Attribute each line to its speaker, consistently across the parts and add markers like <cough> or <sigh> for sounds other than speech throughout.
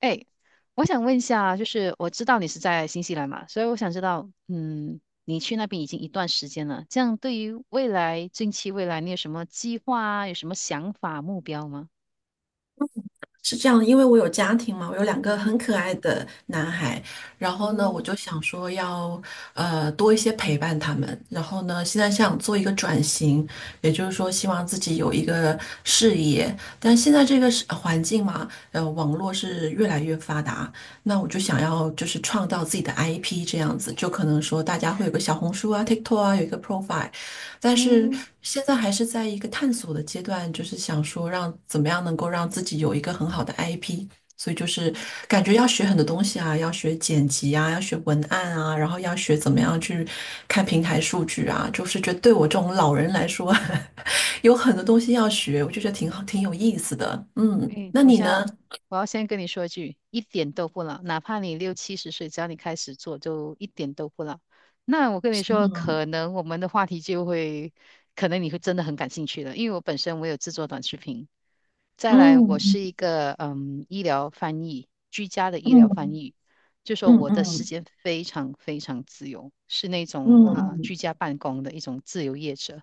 Speaker 1: 哎，我想问一下，就是我知道你是在新西兰嘛，所以我想知道，你去那边已经一段时间了，这样对于未来，近期未来，你有什么计划啊？有什么想法、目标吗？
Speaker 2: 是这样的，因为我有家庭嘛，我有两
Speaker 1: 嗯
Speaker 2: 个很
Speaker 1: 哼。
Speaker 2: 可爱的男孩，然后呢，我
Speaker 1: 嗯
Speaker 2: 就想说要多一些陪伴他们，然后呢，现在想做一个转型，也就是说希望自己有一个事业，但现在这个是环境嘛，网络是越来越发达，那我就想要就是创造自己的 IP 这样子，就可能说大家会有个小红书啊、TikTok 啊，有一个 profile，但是
Speaker 1: 嗯。
Speaker 2: 现在还是在一个探索的阶段，就是想说让怎么样能够让自己有一个很好的 IP，所以就是感觉要学很多东西啊，要学剪辑啊，要学文案啊，然后要学怎么样去看平台数据啊，就是觉得对我这种老人来说，<laughs> 有很多东西要学，我就觉得挺好，挺有意思的。嗯，
Speaker 1: 哎，
Speaker 2: 那
Speaker 1: 我
Speaker 2: 你
Speaker 1: 先
Speaker 2: 呢？
Speaker 1: 要，我要先跟你说一句，一点都不老，哪怕你六七十岁，只要你开始做，就一点都不老。那我跟你说，可能我们的话题就会，可能你会真的很感兴趣了，因为我本身有制作短视频，再来我
Speaker 2: 嗯
Speaker 1: 是一个医疗翻译，居家的医疗翻
Speaker 2: 嗯
Speaker 1: 译，就说
Speaker 2: 嗯
Speaker 1: 我的时
Speaker 2: 嗯
Speaker 1: 间非常非常自由，是那种
Speaker 2: 嗯嗯
Speaker 1: 居
Speaker 2: 嗯。
Speaker 1: 家办公的一种自由业者。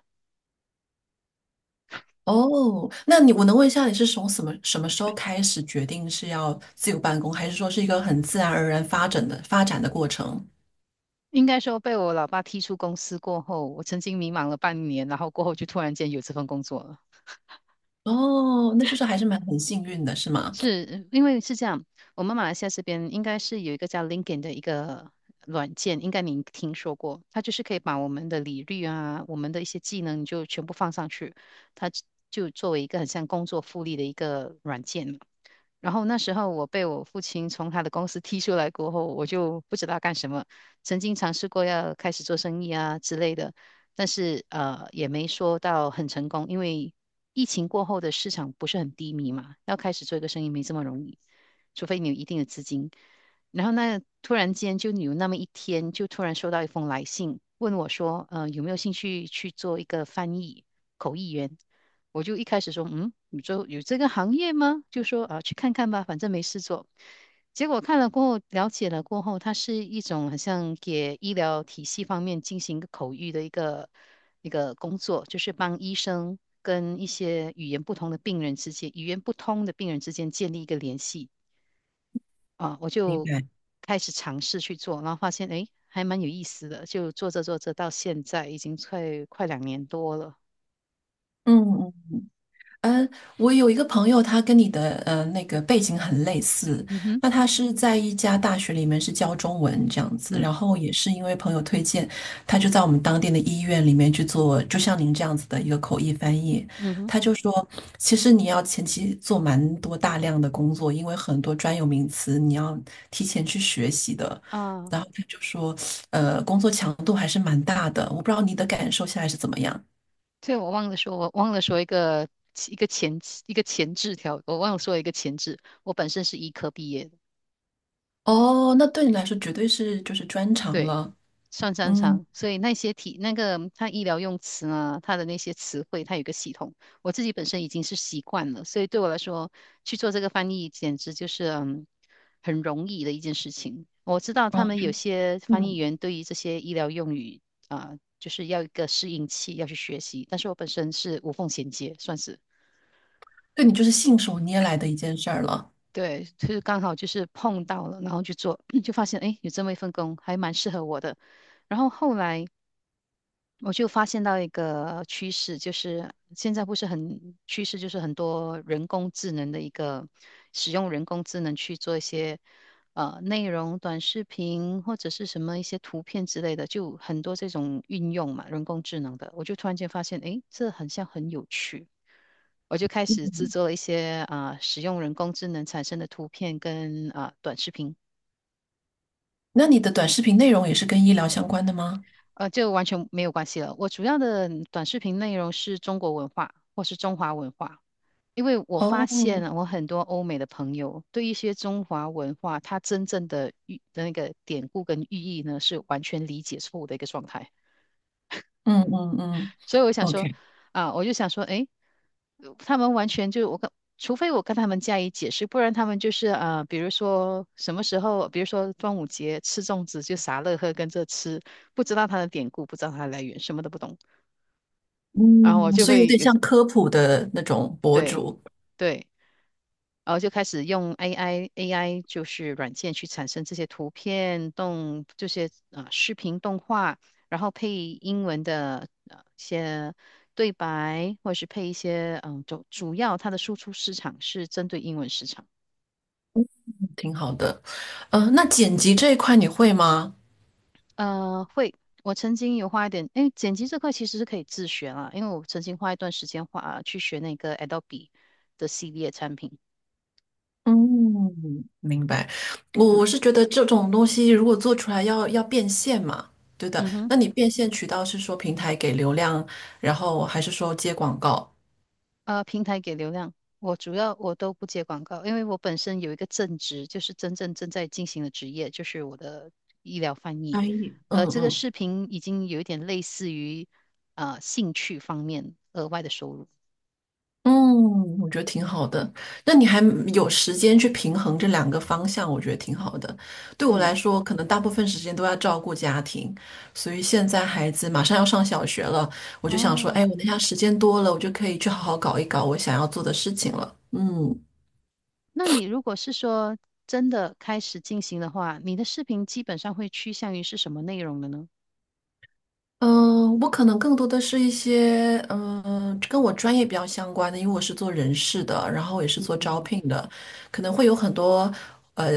Speaker 2: 哦，那你我能问一下，你是从什么时候开始决定是要自由办公，还是说是一个很自然而然发展的过程？
Speaker 1: 应该说被我老爸踢出公司过后，我曾经迷茫了半年，然后过后就突然间有这份工作了。
Speaker 2: 哦，那就是还是蛮很幸运的，是吗？
Speaker 1: 是因为是这样，我们马来西亚这边应该是有一个叫 LinkedIn 的一个软件，应该您听说过，它就是可以把我们的履历啊，我们的一些技能就全部放上去，它就作为一个很像工作复利的一个软件。然后那时候我被我父亲从他的公司踢出来过后，我就不知道干什么，曾经尝试过要开始做生意啊之类的，但是也没说到很成功，因为疫情过后的市场不是很低迷嘛，要开始做一个生意没这么容易，除非你有一定的资金。然后那突然间就有那么一天，就突然收到一封来信，问我说，有没有兴趣去做一个翻译口译员？我就一开始说，你做有这个行业吗？就说啊，去看看吧，反正没事做。结果看了过后，了解了过后，它是一种好像给医疗体系方面进行一个口译的一个工作，就是帮医生跟一些语言不同的病人之间、语言不通的病人之间建立一个联系啊。我
Speaker 2: 明
Speaker 1: 就
Speaker 2: 白。
Speaker 1: 开始尝试去做，然后发现诶，还蛮有意思的，就做着做着到现在已经快两年多了。
Speaker 2: 嗯嗯。嗯，我有一个朋友，他跟你的那个背景很类似，
Speaker 1: 嗯哼。
Speaker 2: 那他是在一家大学里面是教中文这样子，
Speaker 1: 嗯
Speaker 2: 然后也是因为朋友推荐，他就在我们当地的医院里面去做，就像您这样子的一个口译翻译。
Speaker 1: 嗯哼。
Speaker 2: 他就说，其实你要前期做蛮多大量的工作，因为很多专有名词你要提前去学习的。
Speaker 1: 啊，
Speaker 2: 然后他就说，工作强度还是蛮大的，我不知道你的感受现在是怎么样。
Speaker 1: 对，我忘了说一个一个前一个前置条，我忘了说一个前置。我本身是医科毕业的，
Speaker 2: 哦，那对你来说绝对是就是专长
Speaker 1: 对，
Speaker 2: 了，
Speaker 1: 算擅
Speaker 2: 嗯，
Speaker 1: 长，所以那些题那个它医疗用词呢，它的那些词汇，它有一个系统，我自己本身已经是习惯了，所以对我来说去做这个翻译，简直就是很容易的一件事情。我知道他
Speaker 2: 啊，
Speaker 1: 们
Speaker 2: 就
Speaker 1: 有些翻译
Speaker 2: 嗯，
Speaker 1: 员对于这些医疗用语啊，就是要一个适应期，要去学习，但是我本身是无缝衔接，算是。
Speaker 2: 对你就是信手拈来的一件事儿了，
Speaker 1: 对，就是刚好就是碰到了，然后去做，<clears throat> 就发现哎，诶有这么一份工还蛮适合我的。然后后来我就发现到一个趋势，就是现在不是很趋势，就是很多人工智能的一个使用人工智能去做一些内容、短视频或者是什么一些图片之类的，就很多这种运用嘛，人工智能的，我就突然间发现，哎，这很像很有趣。我就开始制
Speaker 2: 嗯，
Speaker 1: 作一些使用人工智能产生的图片跟短视频，
Speaker 2: 那你的短视频内容也是跟医疗相关的吗？
Speaker 1: 就完全没有关系了。我主要的短视频内容是中国文化或是中华文化，因为我发现
Speaker 2: 哦，
Speaker 1: 我很多欧美的朋友对一些中华文化它真正的那个典故跟寓意呢，是完全理解错误的一个状态。
Speaker 2: 嗯嗯嗯
Speaker 1: 所以我想说，
Speaker 2: ，OK，
Speaker 1: 我就想说，诶，他们完全就我跟，除非我跟他们加以解释，不然他们就是啊，比如说什么时候，比如说端午节吃粽子就傻乐呵跟着吃，不知道它的典故，不知道它的来源，什么都不懂，然后我
Speaker 2: 嗯，
Speaker 1: 就 <laughs>
Speaker 2: 所以有
Speaker 1: 会
Speaker 2: 点
Speaker 1: 有，
Speaker 2: 像科普的那种博
Speaker 1: 对
Speaker 2: 主，
Speaker 1: 对，然后就开始用 AI 就是软件去产生这些图片动这些啊视频动画，然后配英文的一些对白，或者是配一些主要它的输出市场是针对英文市场。
Speaker 2: 挺好的，嗯、那剪辑这一块你会吗？
Speaker 1: 会，我曾经有花一点，哎，剪辑这块其实是可以自学啦，因为我曾经花一段时间花去学那个 Adobe 的系列产品。
Speaker 2: 嗯，明白。我
Speaker 1: 嗯
Speaker 2: 我是觉得这种东西如果做出来要变现嘛，对的。
Speaker 1: 嗯哼。
Speaker 2: 那你变现渠道是说平台给流量，然后还是说接广告？
Speaker 1: 平台给流量，我主要都不接广告，因为我本身有一个正职，就是真正正在进行的职业，就是我的医疗翻
Speaker 2: 哎，
Speaker 1: 译。
Speaker 2: 嗯
Speaker 1: 这个
Speaker 2: 嗯
Speaker 1: 视频已经有一点类似于兴趣方面额外的收入。
Speaker 2: 嗯，我觉得挺好的。那你还有时间去平衡这两个方向，我觉得挺好的。对我
Speaker 1: 嗯，
Speaker 2: 来说，可能大部分时间都要照顾家庭，所以现在孩子马上要上小学了，我就想说，
Speaker 1: 哦，
Speaker 2: 哎，我那下时间多了，我就可以去好好搞一搞我想要做的事情了。嗯。
Speaker 1: 那你如果是说真的开始进行的话，你的视频基本上会趋向于是什么内容的呢？
Speaker 2: 嗯，我可能更多的是一些跟我专业比较相关的，因为我是做人事的，然后也是做招
Speaker 1: 嗯，
Speaker 2: 聘的，可能会有很多呃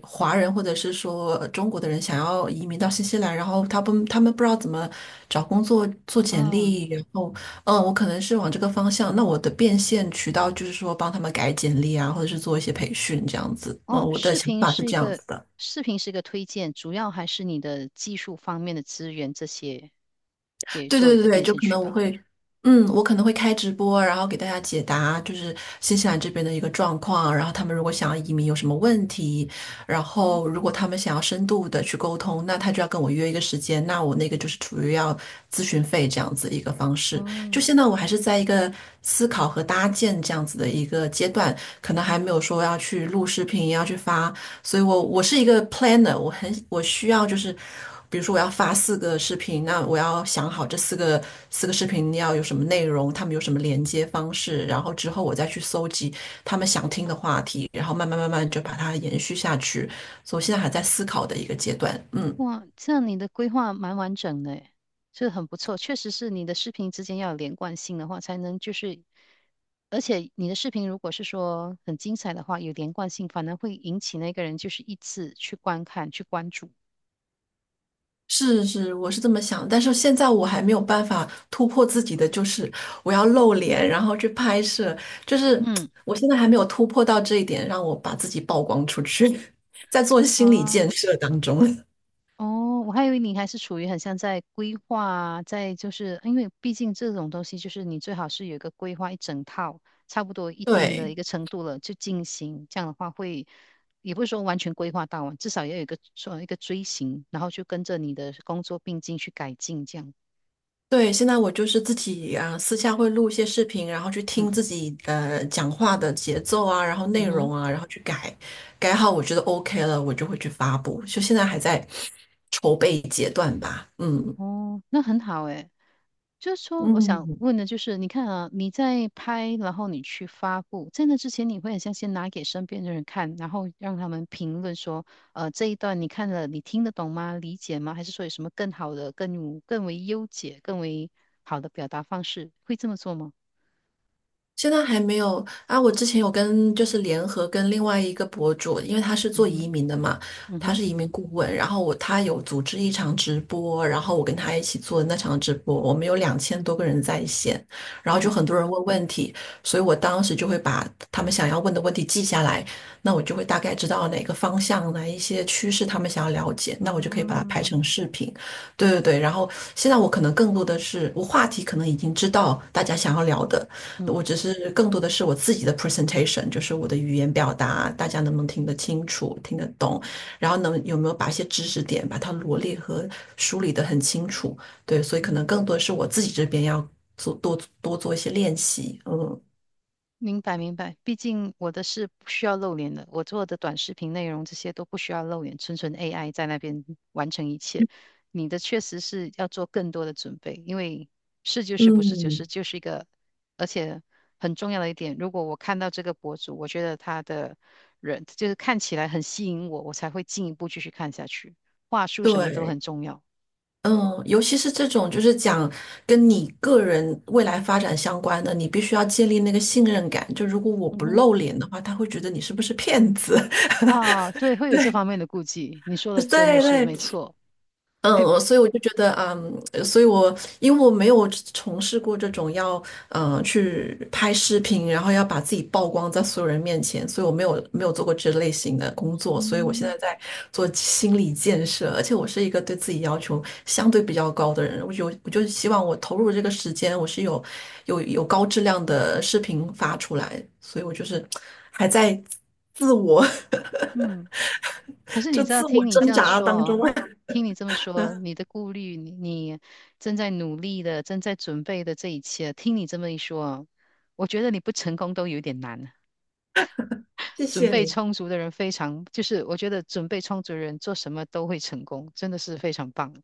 Speaker 2: 华人或者是说中国的人想要移民到新西兰，然后他们不知道怎么找工作、做简
Speaker 1: 哦，
Speaker 2: 历，然后我可能是往这个方向。那我的变现渠道就是说帮他们改简历啊，或者是做一些培训这样子。嗯，
Speaker 1: 哦，
Speaker 2: 我的
Speaker 1: 视
Speaker 2: 想
Speaker 1: 频
Speaker 2: 法是
Speaker 1: 是一
Speaker 2: 这样
Speaker 1: 个
Speaker 2: 子的。
Speaker 1: 视频是一个推荐，主要还是你的技术方面的资源这些。也
Speaker 2: 对
Speaker 1: 做
Speaker 2: 对
Speaker 1: 一
Speaker 2: 对
Speaker 1: 个
Speaker 2: 对，
Speaker 1: 变
Speaker 2: 就
Speaker 1: 现
Speaker 2: 可
Speaker 1: 渠
Speaker 2: 能我
Speaker 1: 道。
Speaker 2: 会，嗯，我可能会开直播，然后给大家解答就是新西兰这边的一个状况，然后他们如果想要移民有什么问题，然后如果
Speaker 1: 嗯，
Speaker 2: 他们想要深度的去沟通，那他就要跟我约一个时间，那我那个就是处于要咨询费这样子一个方式。就
Speaker 1: 哦，
Speaker 2: 现在我还是在一个思考和搭建这样子的一个阶段，可能还没有说要去录视频，要去发所以我是一个 planner，我需要就是，比如说我要发四个视频，那我要想好这四个视频要有什么内容，他们有什么连接方式，然后之后我再去搜集他们想听的话题，然后慢慢慢慢就把它延续下去。所以我现在还在思考的一个阶段，嗯。
Speaker 1: 哇，这样你的规划蛮完整的诶，这很不错。确实是你的视频之间要有连贯性的话，才能就是，而且你的视频如果是说很精彩的话，有连贯性，反而会引起那个人就是一次去观看、去关注。
Speaker 2: 是是，我是这么想，但是现在我还没有办法突破自己的，就是我要露脸，然后去拍摄，就是
Speaker 1: 嗯，
Speaker 2: 我现在还没有突破到这一点，让我把自己曝光出去，<laughs> 在做心理
Speaker 1: 啊。
Speaker 2: 建设当中。<laughs>
Speaker 1: 哦，我还以为你还是处于很像在规划啊在就是因为毕竟这种东西就是你最好是有一个规划一整套，差不多一定的
Speaker 2: 对
Speaker 1: 一个程度了就进行，这样的话会也不是说完全规划到啊，至少要有一个说一个锥形，然后就跟着你的工作并进去改进这样。
Speaker 2: 对，现在我就是自己啊，私下会录一些视频，然后去
Speaker 1: 嗯
Speaker 2: 听自己讲话的节奏啊，然后
Speaker 1: 嗯
Speaker 2: 内容
Speaker 1: 哼。
Speaker 2: 啊，然后去改，改好我觉得 OK 了，我就会去发布。就现在还在筹备阶段吧，嗯。
Speaker 1: 哦，那很好诶。就是说，我想
Speaker 2: 嗯，
Speaker 1: 问的就是，你看啊，你在拍，然后你去发布，在那之前，你会很像先拿给身边的人看，然后让他们评论说，这一段你看了，你听得懂吗？理解吗？还是说有什么更好的、更为优解、更为好的表达方式？会这么做吗？
Speaker 2: 现在还没有啊，我之前有跟就是联合跟另外一个博主，因为他是
Speaker 1: 嗯
Speaker 2: 做移
Speaker 1: 哼。
Speaker 2: 民的嘛，
Speaker 1: 嗯
Speaker 2: 他
Speaker 1: 哼。
Speaker 2: 是移民顾问，然后他有组织一场直播，然后我跟他一起做那场直播，我们有两千多个人在线，然后就
Speaker 1: 嗯
Speaker 2: 很多人问问题，所以我当时就会把他们想要问的问题记下来，那我就会大概知道哪个方向哪一些趋势他们想要了解，那我就可以把它
Speaker 1: 啊。
Speaker 2: 拍成视频。对对对，然后现在我可能更多的是，我话题可能已经知道大家想要聊的。
Speaker 1: 嗯。
Speaker 2: 我只是更多的是我自己的 presentation，就是我的语言表达，大家能不能听得清楚、听得懂，然后有没有把一些知识点把它罗列和梳理得很清楚。对，所以可能更
Speaker 1: 嗯
Speaker 2: 多是我自己这边要多多做一些练习。嗯，
Speaker 1: 明白明白，毕竟我的是不需要露脸的，我做的短视频内容这些都不需要露脸，纯纯 AI 在那边完成一切。你的确实是要做更多的准备，因为是就是不是就是
Speaker 2: 嗯，
Speaker 1: 就是一个，而且很重要的一点，如果我看到这个博主，我觉得他的人就是看起来很吸引我，我才会进一步继续看下去。话术什么都很
Speaker 2: 对，
Speaker 1: 重要。
Speaker 2: 嗯，尤其是这种就是讲跟你个人未来发展相关的，你必须要建立那个信任感。就如果我
Speaker 1: 嗯
Speaker 2: 不
Speaker 1: 哼。
Speaker 2: 露脸的话，他会觉得你是不是骗子。
Speaker 1: 啊，对，
Speaker 2: <laughs>
Speaker 1: 会有这
Speaker 2: 对
Speaker 1: 方面的顾忌，你说的真的
Speaker 2: 对
Speaker 1: 是
Speaker 2: 对，
Speaker 1: 没错。
Speaker 2: 嗯，
Speaker 1: 哎，
Speaker 2: 所以我就觉得，嗯，所以我因为我没有从事过这种要，去拍视频，然后要把自己曝光在所有人面前，所以我没有做过这类型的工作，所以我现
Speaker 1: 嗯。
Speaker 2: 在在做心理建设，而且我是一个对自己要求相对比较高的人，我就希望我投入这个时间，我是有高质量的视频发出来，所以我就是还在自我
Speaker 1: 嗯。可
Speaker 2: <laughs>
Speaker 1: 是
Speaker 2: 就
Speaker 1: 你知道，
Speaker 2: 自我
Speaker 1: 听你这
Speaker 2: 挣
Speaker 1: 样
Speaker 2: 扎
Speaker 1: 说
Speaker 2: 当中，
Speaker 1: 哦，听你这么说，你的顾虑，你正在努力的，正在准备的这一切，听你这么一说哦，我觉得你不成功都有点难。
Speaker 2: <laughs> 谢
Speaker 1: 准
Speaker 2: 谢
Speaker 1: 备
Speaker 2: 你。
Speaker 1: 充足的人非常，就是我觉得准备充足的人做什么都会成功，真的是非常棒。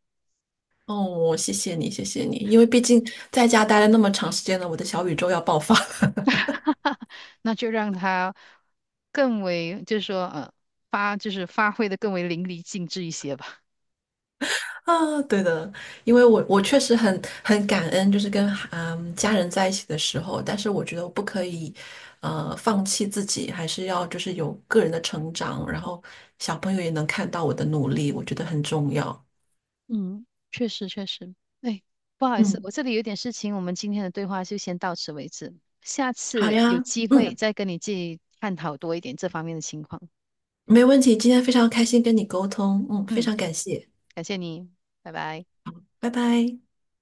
Speaker 2: 哦，谢谢你，谢谢你，因为毕竟在家待了那么长时间了，我的小宇宙要爆发
Speaker 1: 那就让他更为，就是说，就是发挥的更为淋漓尽致一些吧。
Speaker 2: <laughs> 啊！对的，因为我确实很感恩，就是跟家人在一起的时候，但是我觉得我不可以放弃自己，还是要就是有个人的成长，然后小朋友也能看到我的努力，我觉得很重要。
Speaker 1: 嗯，确实确实。哎，不好意思，
Speaker 2: 嗯，
Speaker 1: 我这里有点事情，我们今天的对话就先到此为止，下
Speaker 2: 好
Speaker 1: 次有
Speaker 2: 呀，
Speaker 1: 机会
Speaker 2: 嗯，
Speaker 1: 再跟你继续探讨多一点这方面的情况。
Speaker 2: 没问题，今天非常开心跟你沟通，嗯，非
Speaker 1: 嗯，
Speaker 2: 常感谢，
Speaker 1: 感谢你，拜拜。
Speaker 2: 拜拜。